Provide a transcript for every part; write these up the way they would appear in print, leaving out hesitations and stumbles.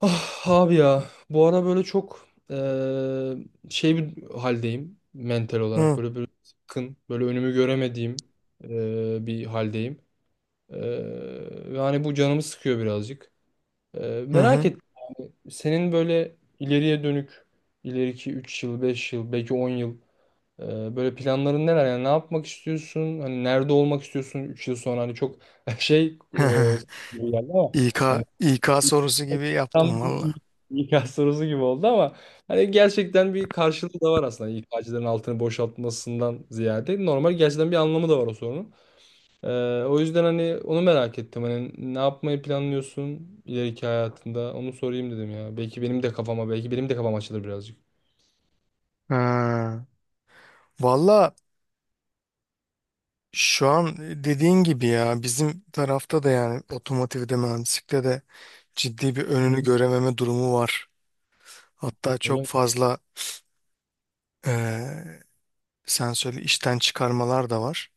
Ah abi ya bu ara böyle çok şey bir haldeyim mental olarak Hı böyle böyle sıkkın böyle önümü göremediğim bir haldeyim. Ve hani bu canımı sıkıyor birazcık. Eee, hı. merak Hı. ettim yani senin böyle ileriye dönük ileriki 3 yıl 5 yıl belki 10 yıl eee, böyle planların neler, yani ne yapmak istiyorsun, hani nerede olmak istiyorsun 3 yıl sonra, hani çok şey gibi geldi ama İK, hani İK sorusu gibi tam yaptım valla. bir İK sorusu gibi oldu ama hani gerçekten bir karşılığı da var aslında. İK'cıların altını boşaltmasından ziyade normal, gerçekten bir anlamı da var o sorunun. Ee, o yüzden hani onu merak ettim. Hani ne yapmayı planlıyorsun ileriki hayatında? Onu sorayım dedim ya. Belki benim de kafama, belki benim de kafam açılır birazcık. Ha. Valla şu an dediğin gibi ya bizim tarafta da yani otomotivde mühendislikte de ciddi bir Hı önünü hı. görememe durumu var. Hatta Öyle çok mi? fazla eee sen söyle işten çıkarmalar da var.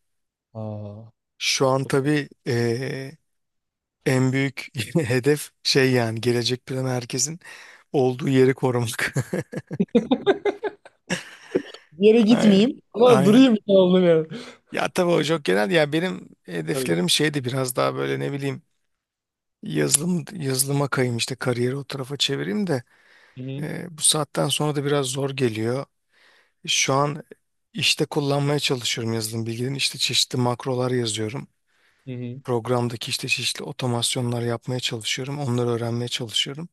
Aa, Şu an çok. tabii en büyük hedef şey yani gelecek planı herkesin olduğu yeri korumak. Bir yere Aynen. gitmeyeyim ama Aynen. durayım, oldum yani. Ya tabii o çok genel. Ya benim Tabii ki. hedeflerim şeydi biraz daha böyle ne bileyim yazılıma kayayım işte kariyeri o tarafa çevireyim de Hı hı. Bu saatten sonra da biraz zor geliyor. Şu an işte kullanmaya çalışıyorum yazılım bilgilerini. İşte çeşitli makrolar yazıyorum. Hı hı. Programdaki işte çeşitli otomasyonlar yapmaya çalışıyorum. Onları öğrenmeye çalışıyorum.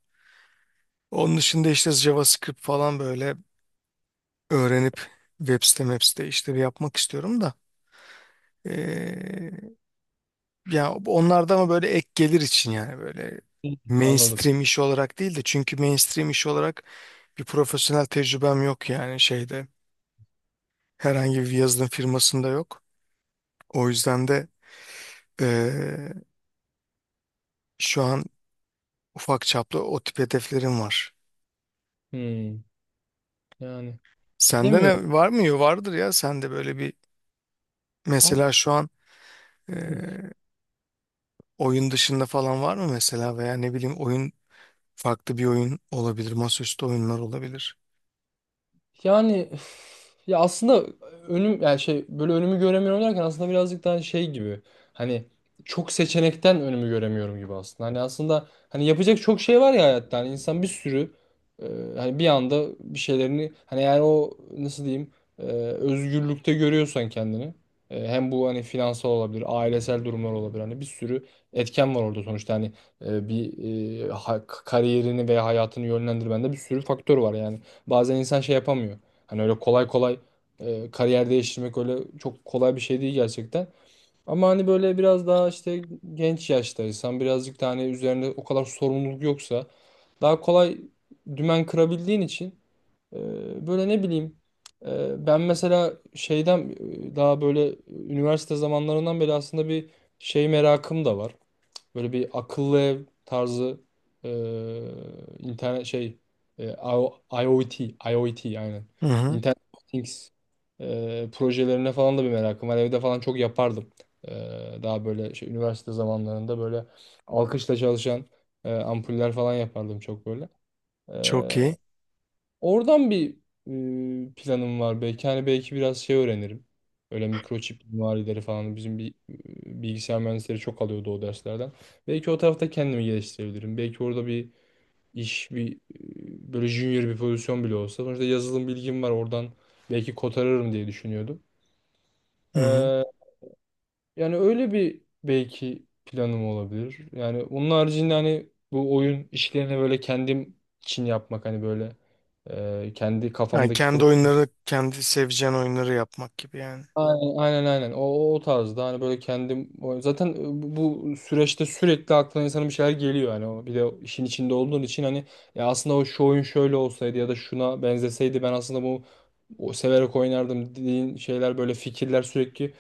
Onun dışında işte JavaScript falan böyle öğrenip web site işleri yapmak istiyorum da. E, Ya onlarda ama böyle ek gelir için yani böyle Hı, anladım. mainstream iş olarak değil de çünkü mainstream iş olarak bir profesyonel tecrübem yok yani şeyde herhangi bir yazılım firmasında yok. O yüzden de eee, şu an ufak çaplı o tip hedeflerim var. Hı. Yani Sende demiyorum. ne var mı? Yo, vardır ya sende böyle bir mesela şu an eee, oyun dışında falan var mı mesela veya ne bileyim oyun farklı bir oyun olabilir masaüstü oyunlar olabilir. Yani üf, ya aslında önüm yani şey, böyle önümü göremiyorum derken aslında birazcık daha şey gibi. Hani çok seçenekten önümü göremiyorum gibi aslında. Hani aslında hani yapacak çok şey var ya hayatta. Hani insan bir sürü e, hani bir anda bir şeylerini hani, yani o nasıl diyeyim, özgürlükte görüyorsan kendini, hem bu hani finansal olabilir, ailesel durumlar olabilir. Hani bir sürü etken var orada sonuçta. Hani bir kariyerini veya hayatını yönlendirmende bir sürü faktör var yani. Bazen insan şey yapamıyor. Hani öyle kolay kolay kariyer değiştirmek öyle çok kolay bir şey değil gerçekten. Ama hani böyle biraz daha işte genç yaştaysan, birazcık da hani üzerinde o kadar sorumluluk yoksa daha kolay dümen kırabildiğin için, böyle ne bileyim, ben mesela şeyden, daha böyle üniversite zamanlarından beri aslında bir şey merakım da var. Böyle bir akıllı ev tarzı, e, internet şey, e, IO- IoT IoT aynen. Hı hı. Internet of Things projelerine falan da bir merakım var. Evde falan çok yapardım. E, daha böyle şey, üniversite zamanlarında böyle alkışla çalışan ampuller falan yapardım çok böyle. E, Çok iyi. Oradan bir planım var belki. Hani belki biraz şey öğrenirim. Öyle mikroçip mimarileri falan. Bizim bir bilgisayar mühendisleri çok alıyordu o derslerden. Belki o tarafta kendimi geliştirebilirim. Belki orada bir iş, bir böyle junior bir pozisyon bile olsa. Sonuçta yazılım bilgim var oradan. Belki kotarırım diye düşünüyordum. Hı hı. Ee, yani öyle bir belki planım olabilir. Yani onun haricinde hani bu oyun işlerini böyle kendim için yapmak, hani böyle kendi Yani kafamdaki. kendi oyunları, kendi seveceğin oyunları yapmak gibi yani. Aynen, aynen, aynen. O tarzda hani, böyle kendim zaten, bu süreçte sürekli aklına insanın bir şeyler geliyor hani, o bir de o işin içinde olduğun için hani, ya aslında o şu oyun şöyle olsaydı ya da şuna benzeseydi ben aslında bu, o severek oynardım dediğin şeyler, böyle fikirler sürekli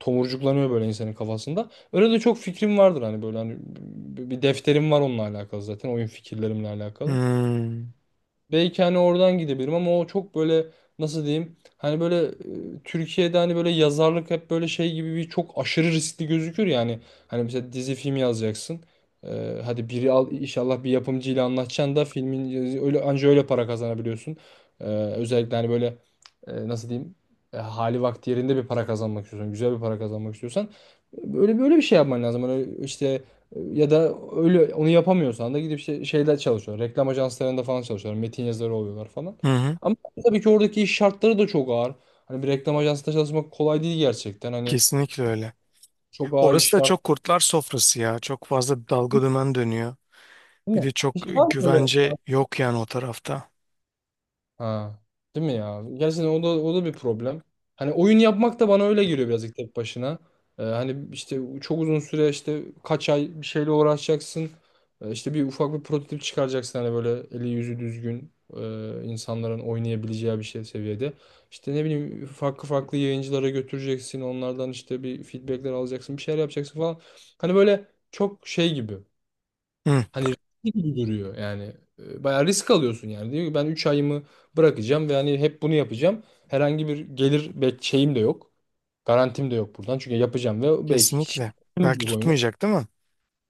tomurcuklanıyor böyle insanın kafasında. Öyle de çok fikrim vardır hani, böyle hani bir defterim var onunla alakalı, zaten oyun fikirlerimle alakalı. Hmm. Belki hani oradan gidebilirim ama o çok böyle, nasıl diyeyim, hani böyle Türkiye'de hani böyle yazarlık hep böyle şey gibi, bir çok aşırı riskli gözükür yani. Hani mesela dizi film yazacaksın. Hadi biri al inşallah, bir yapımcıyla anlaşacaksın da filmin, öyle anca öyle para kazanabiliyorsun. Özellikle hani böyle nasıl diyeyim, hali vakti yerinde bir para kazanmak istiyorsan, güzel bir para kazanmak istiyorsan böyle böyle bir şey yapman lazım. Hani işte, ya da öyle onu yapamıyorsan da gidip şeyler çalışıyor. Reklam ajanslarında falan çalışıyorlar. Metin yazarı oluyorlar falan. Hı hı. Ama tabii ki oradaki iş şartları da çok ağır. Hani bir reklam ajansında çalışmak kolay değil gerçekten. Hani Kesinlikle öyle. çok ağır iş Orası da şartları, çok kurtlar sofrası ya. Çok fazla dalga dümen dönüyor. değil Bir mi? de çok Hiç var mı böyle? güvence yok yani o tarafta. Ha. Değil mi ya? Gerçekten o da, o da bir problem. Hani oyun yapmak da bana öyle geliyor birazcık tek başına. Hani işte çok uzun süre işte kaç ay bir şeyle uğraşacaksın. İşte bir ufak bir prototip çıkaracaksın hani böyle eli yüzü düzgün, insanların oynayabileceği bir şey seviyede. İşte ne bileyim farklı farklı yayıncılara götüreceksin. Onlardan işte bir feedbackler alacaksın. Bir şeyler yapacaksın falan. Hani böyle çok şey gibi. Hı. Hani riskli gibi duruyor yani. Bayağı risk alıyorsun yani. Diyor ki ben 3 ayımı bırakacağım ve hani hep bunu yapacağım. Herhangi bir gelir şeyim de yok. Garantim de yok buradan. Çünkü yapacağım ve belki kişi Kesinlikle. Belki bu oyunu. tutmayacak değil mi?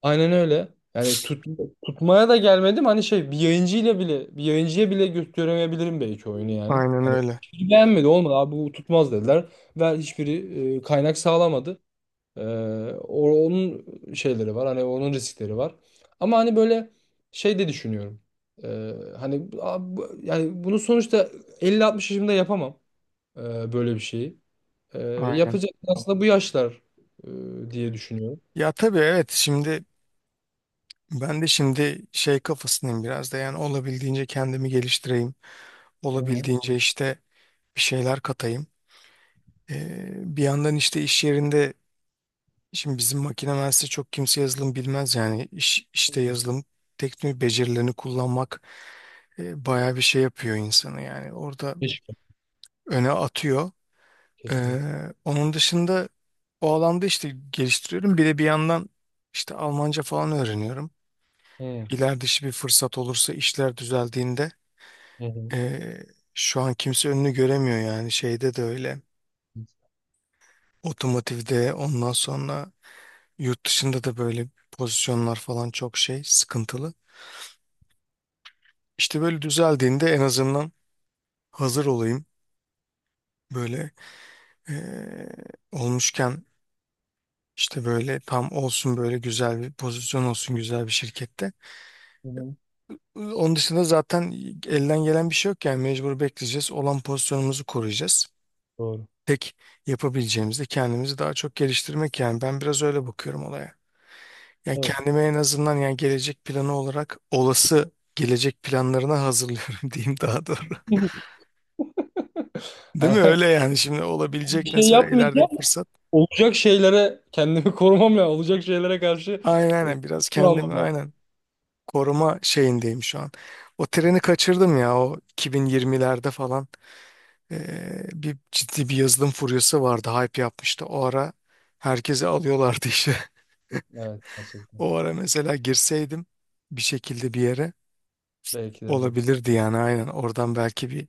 Aynen öyle. Yani tutmaya da gelmedim. Hani şey, bir yayıncıya bile gösteremeyebilirim belki oyunu yani. Aynen Hani öyle. hiç beğenmedi, olmadı abi bu tutmaz dediler. Ve hiçbiri kaynak sağlamadı. Ee, onun şeyleri var. Hani onun riskleri var. Ama hani böyle şey de düşünüyorum. Ee, hani yani bunu sonuçta 50 60 yaşımda yapamam, böyle bir şeyi. Ee, Aynen. yapacak aslında bu yaşlar, diye düşünüyorum. Ya tabii evet şimdi ben de şimdi şey kafasındayım biraz da yani olabildiğince kendimi geliştireyim. Hı hı. Olabildiğince işte bir şeyler katayım. Bir yandan işte iş yerinde şimdi bizim makine mühendisi çok kimse yazılım bilmez yani iş, işte yazılım teknik becerilerini kullanmak e, bayağı bir şey yapıyor insanı yani orada Keşke. öne atıyor. Kesinlikle. Onun dışında o alanda işte geliştiriyorum. Bir de bir yandan işte Almanca falan öğreniyorum. Hı İler dışı bir fırsat olursa işler düzeldiğinde hı. eee, şu an kimse önünü göremiyor yani şeyde de öyle Hı otomotivde ondan sonra yurt dışında da böyle pozisyonlar falan çok şey sıkıntılı. İşte böyle düzeldiğinde en azından hazır olayım böyle eee, olmuşken işte böyle tam olsun böyle güzel bir pozisyon olsun güzel bir şirkette. hı. Hı. Onun dışında zaten elden gelen bir şey yok yani mecbur bekleyeceğiz olan pozisyonumuzu koruyacağız. Doğru. Tek yapabileceğimiz de kendimizi daha çok geliştirmek yani ben biraz öyle bakıyorum olaya. Yani Evet. kendime en azından yani gelecek planı olarak olası gelecek planlarına hazırlıyorum diyeyim daha doğru. Değil mi? Hani Öyle yani şimdi bir olabilecek şey mesela ileride bir yapmayacağım. fırsat. Olacak şeylere kendimi korumam lazım. Olacak şeylere karşı Aynen biraz önlem kendimi almam lazım. aynen koruma şeyindeyim şu an. O treni kaçırdım ya o 2020'lerde falan bir ciddi bir yazılım furyası vardı hype yapmıştı. O ara herkesi alıyorlardı işe. Evet, gerçekten. O ara mesela girseydim bir şekilde bir yere Belki de. olabilirdi yani aynen oradan belki bir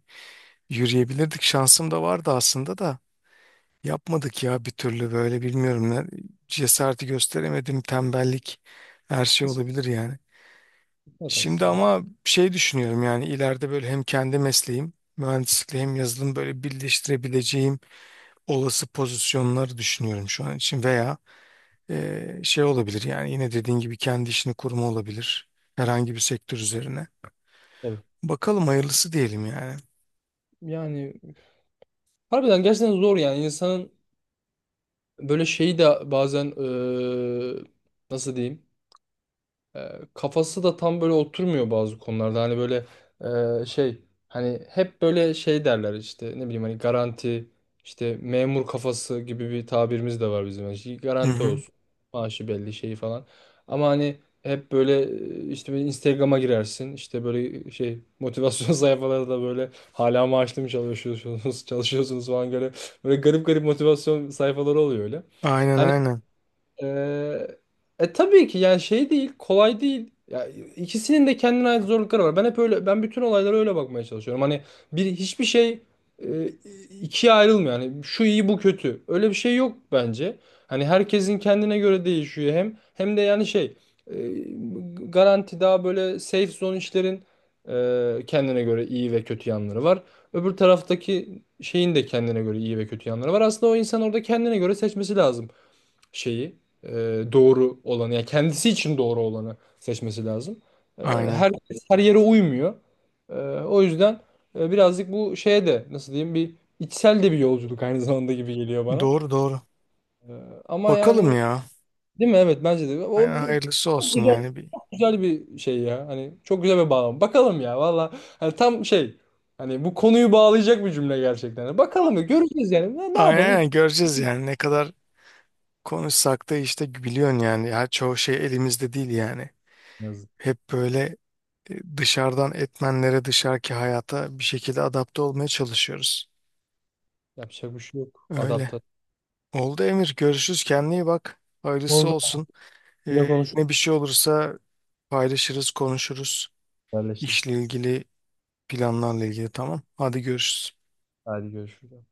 yürüyebilirdik. Şansım da vardı aslında da yapmadık ya bir türlü böyle bilmiyorum ne cesareti gösteremedim tembellik her şey olabilir yani. Kısmet Şimdi aslında. ama şey düşünüyorum yani ileride böyle hem kendi mesleğim mühendislikle hem yazılım böyle birleştirebileceğim olası pozisyonları düşünüyorum şu an için veya şey olabilir yani yine dediğin gibi kendi işini kurma olabilir herhangi bir sektör üzerine. Tabii. Bakalım hayırlısı diyelim yani. Yani harbiden gerçekten zor yani, insanın böyle şeyi de bazen nasıl diyeyim? E, kafası da tam böyle oturmuyor bazı konularda. Hani böyle şey, hani hep böyle şey derler işte, ne bileyim, hani garanti, işte memur kafası gibi bir tabirimiz de var bizim. Yani Hı garanti hı. olsun. Maaşı belli şeyi falan. Ama hani hep böyle işte böyle Instagram'a girersin. İşte böyle şey motivasyon sayfaları da böyle, hala maaşlı mı çalışıyorsunuz çalışıyorsunuz falan, böyle böyle garip garip motivasyon sayfaları oluyor öyle. Aynen Hani, aynen. ee, tabii ki yani şey değil, kolay değil. Ya ikisinin de kendine ait zorlukları var. Ben hep öyle, ben bütün olaylara öyle bakmaya çalışıyorum. Hani hiçbir şey e, ikiye ayrılmıyor. Yani şu iyi bu kötü, öyle bir şey yok bence. Hani herkesin kendine göre değişiyor, hem de yani şey, e, garanti daha böyle safe zone işlerin kendine göre iyi ve kötü yanları var. Öbür taraftaki şeyin de kendine göre iyi ve kötü yanları var. Aslında o insan orada kendine göre seçmesi lazım şeyi, e, doğru olanı, yani kendisi için doğru olanı seçmesi lazım. E, Aynen. her her yere uymuyor. E, o yüzden birazcık bu şeye de, nasıl diyeyim, bir içsel de bir yolculuk aynı zamanda gibi geliyor bana. Doğru doğru. E, ama Bakalım yani, ya. değil mi? Evet, bence de. Aynen, O hayırlısı olsun yani bir. güzel bir şey ya. Hani çok güzel bir bağlam. Bakalım ya valla. Hani tam şey, hani bu konuyu bağlayacak bir cümle gerçekten. Bakalım ya, göreceğiz yani. Ne Aynen yapalım ki? aynen göreceğiz yani ne kadar konuşsak da işte biliyorsun yani ya çoğu şey elimizde değil yani. Yazık. Hep böyle dışarıdan etmenlere dışarıki hayata bir şekilde adapte olmaya çalışıyoruz. Yapacak bir şey yok. Öyle. Adapte. Oldu Emir. Görüşürüz. Kendine iyi bak. Hayırlısı Oldu. olsun. Yine E, konuşuruz. yine bir şey olursa paylaşırız, konuşuruz. İşle Haberleşiriz. ilgili planlarla ilgili tamam. Hadi görüşürüz. Hadi görüşürüz.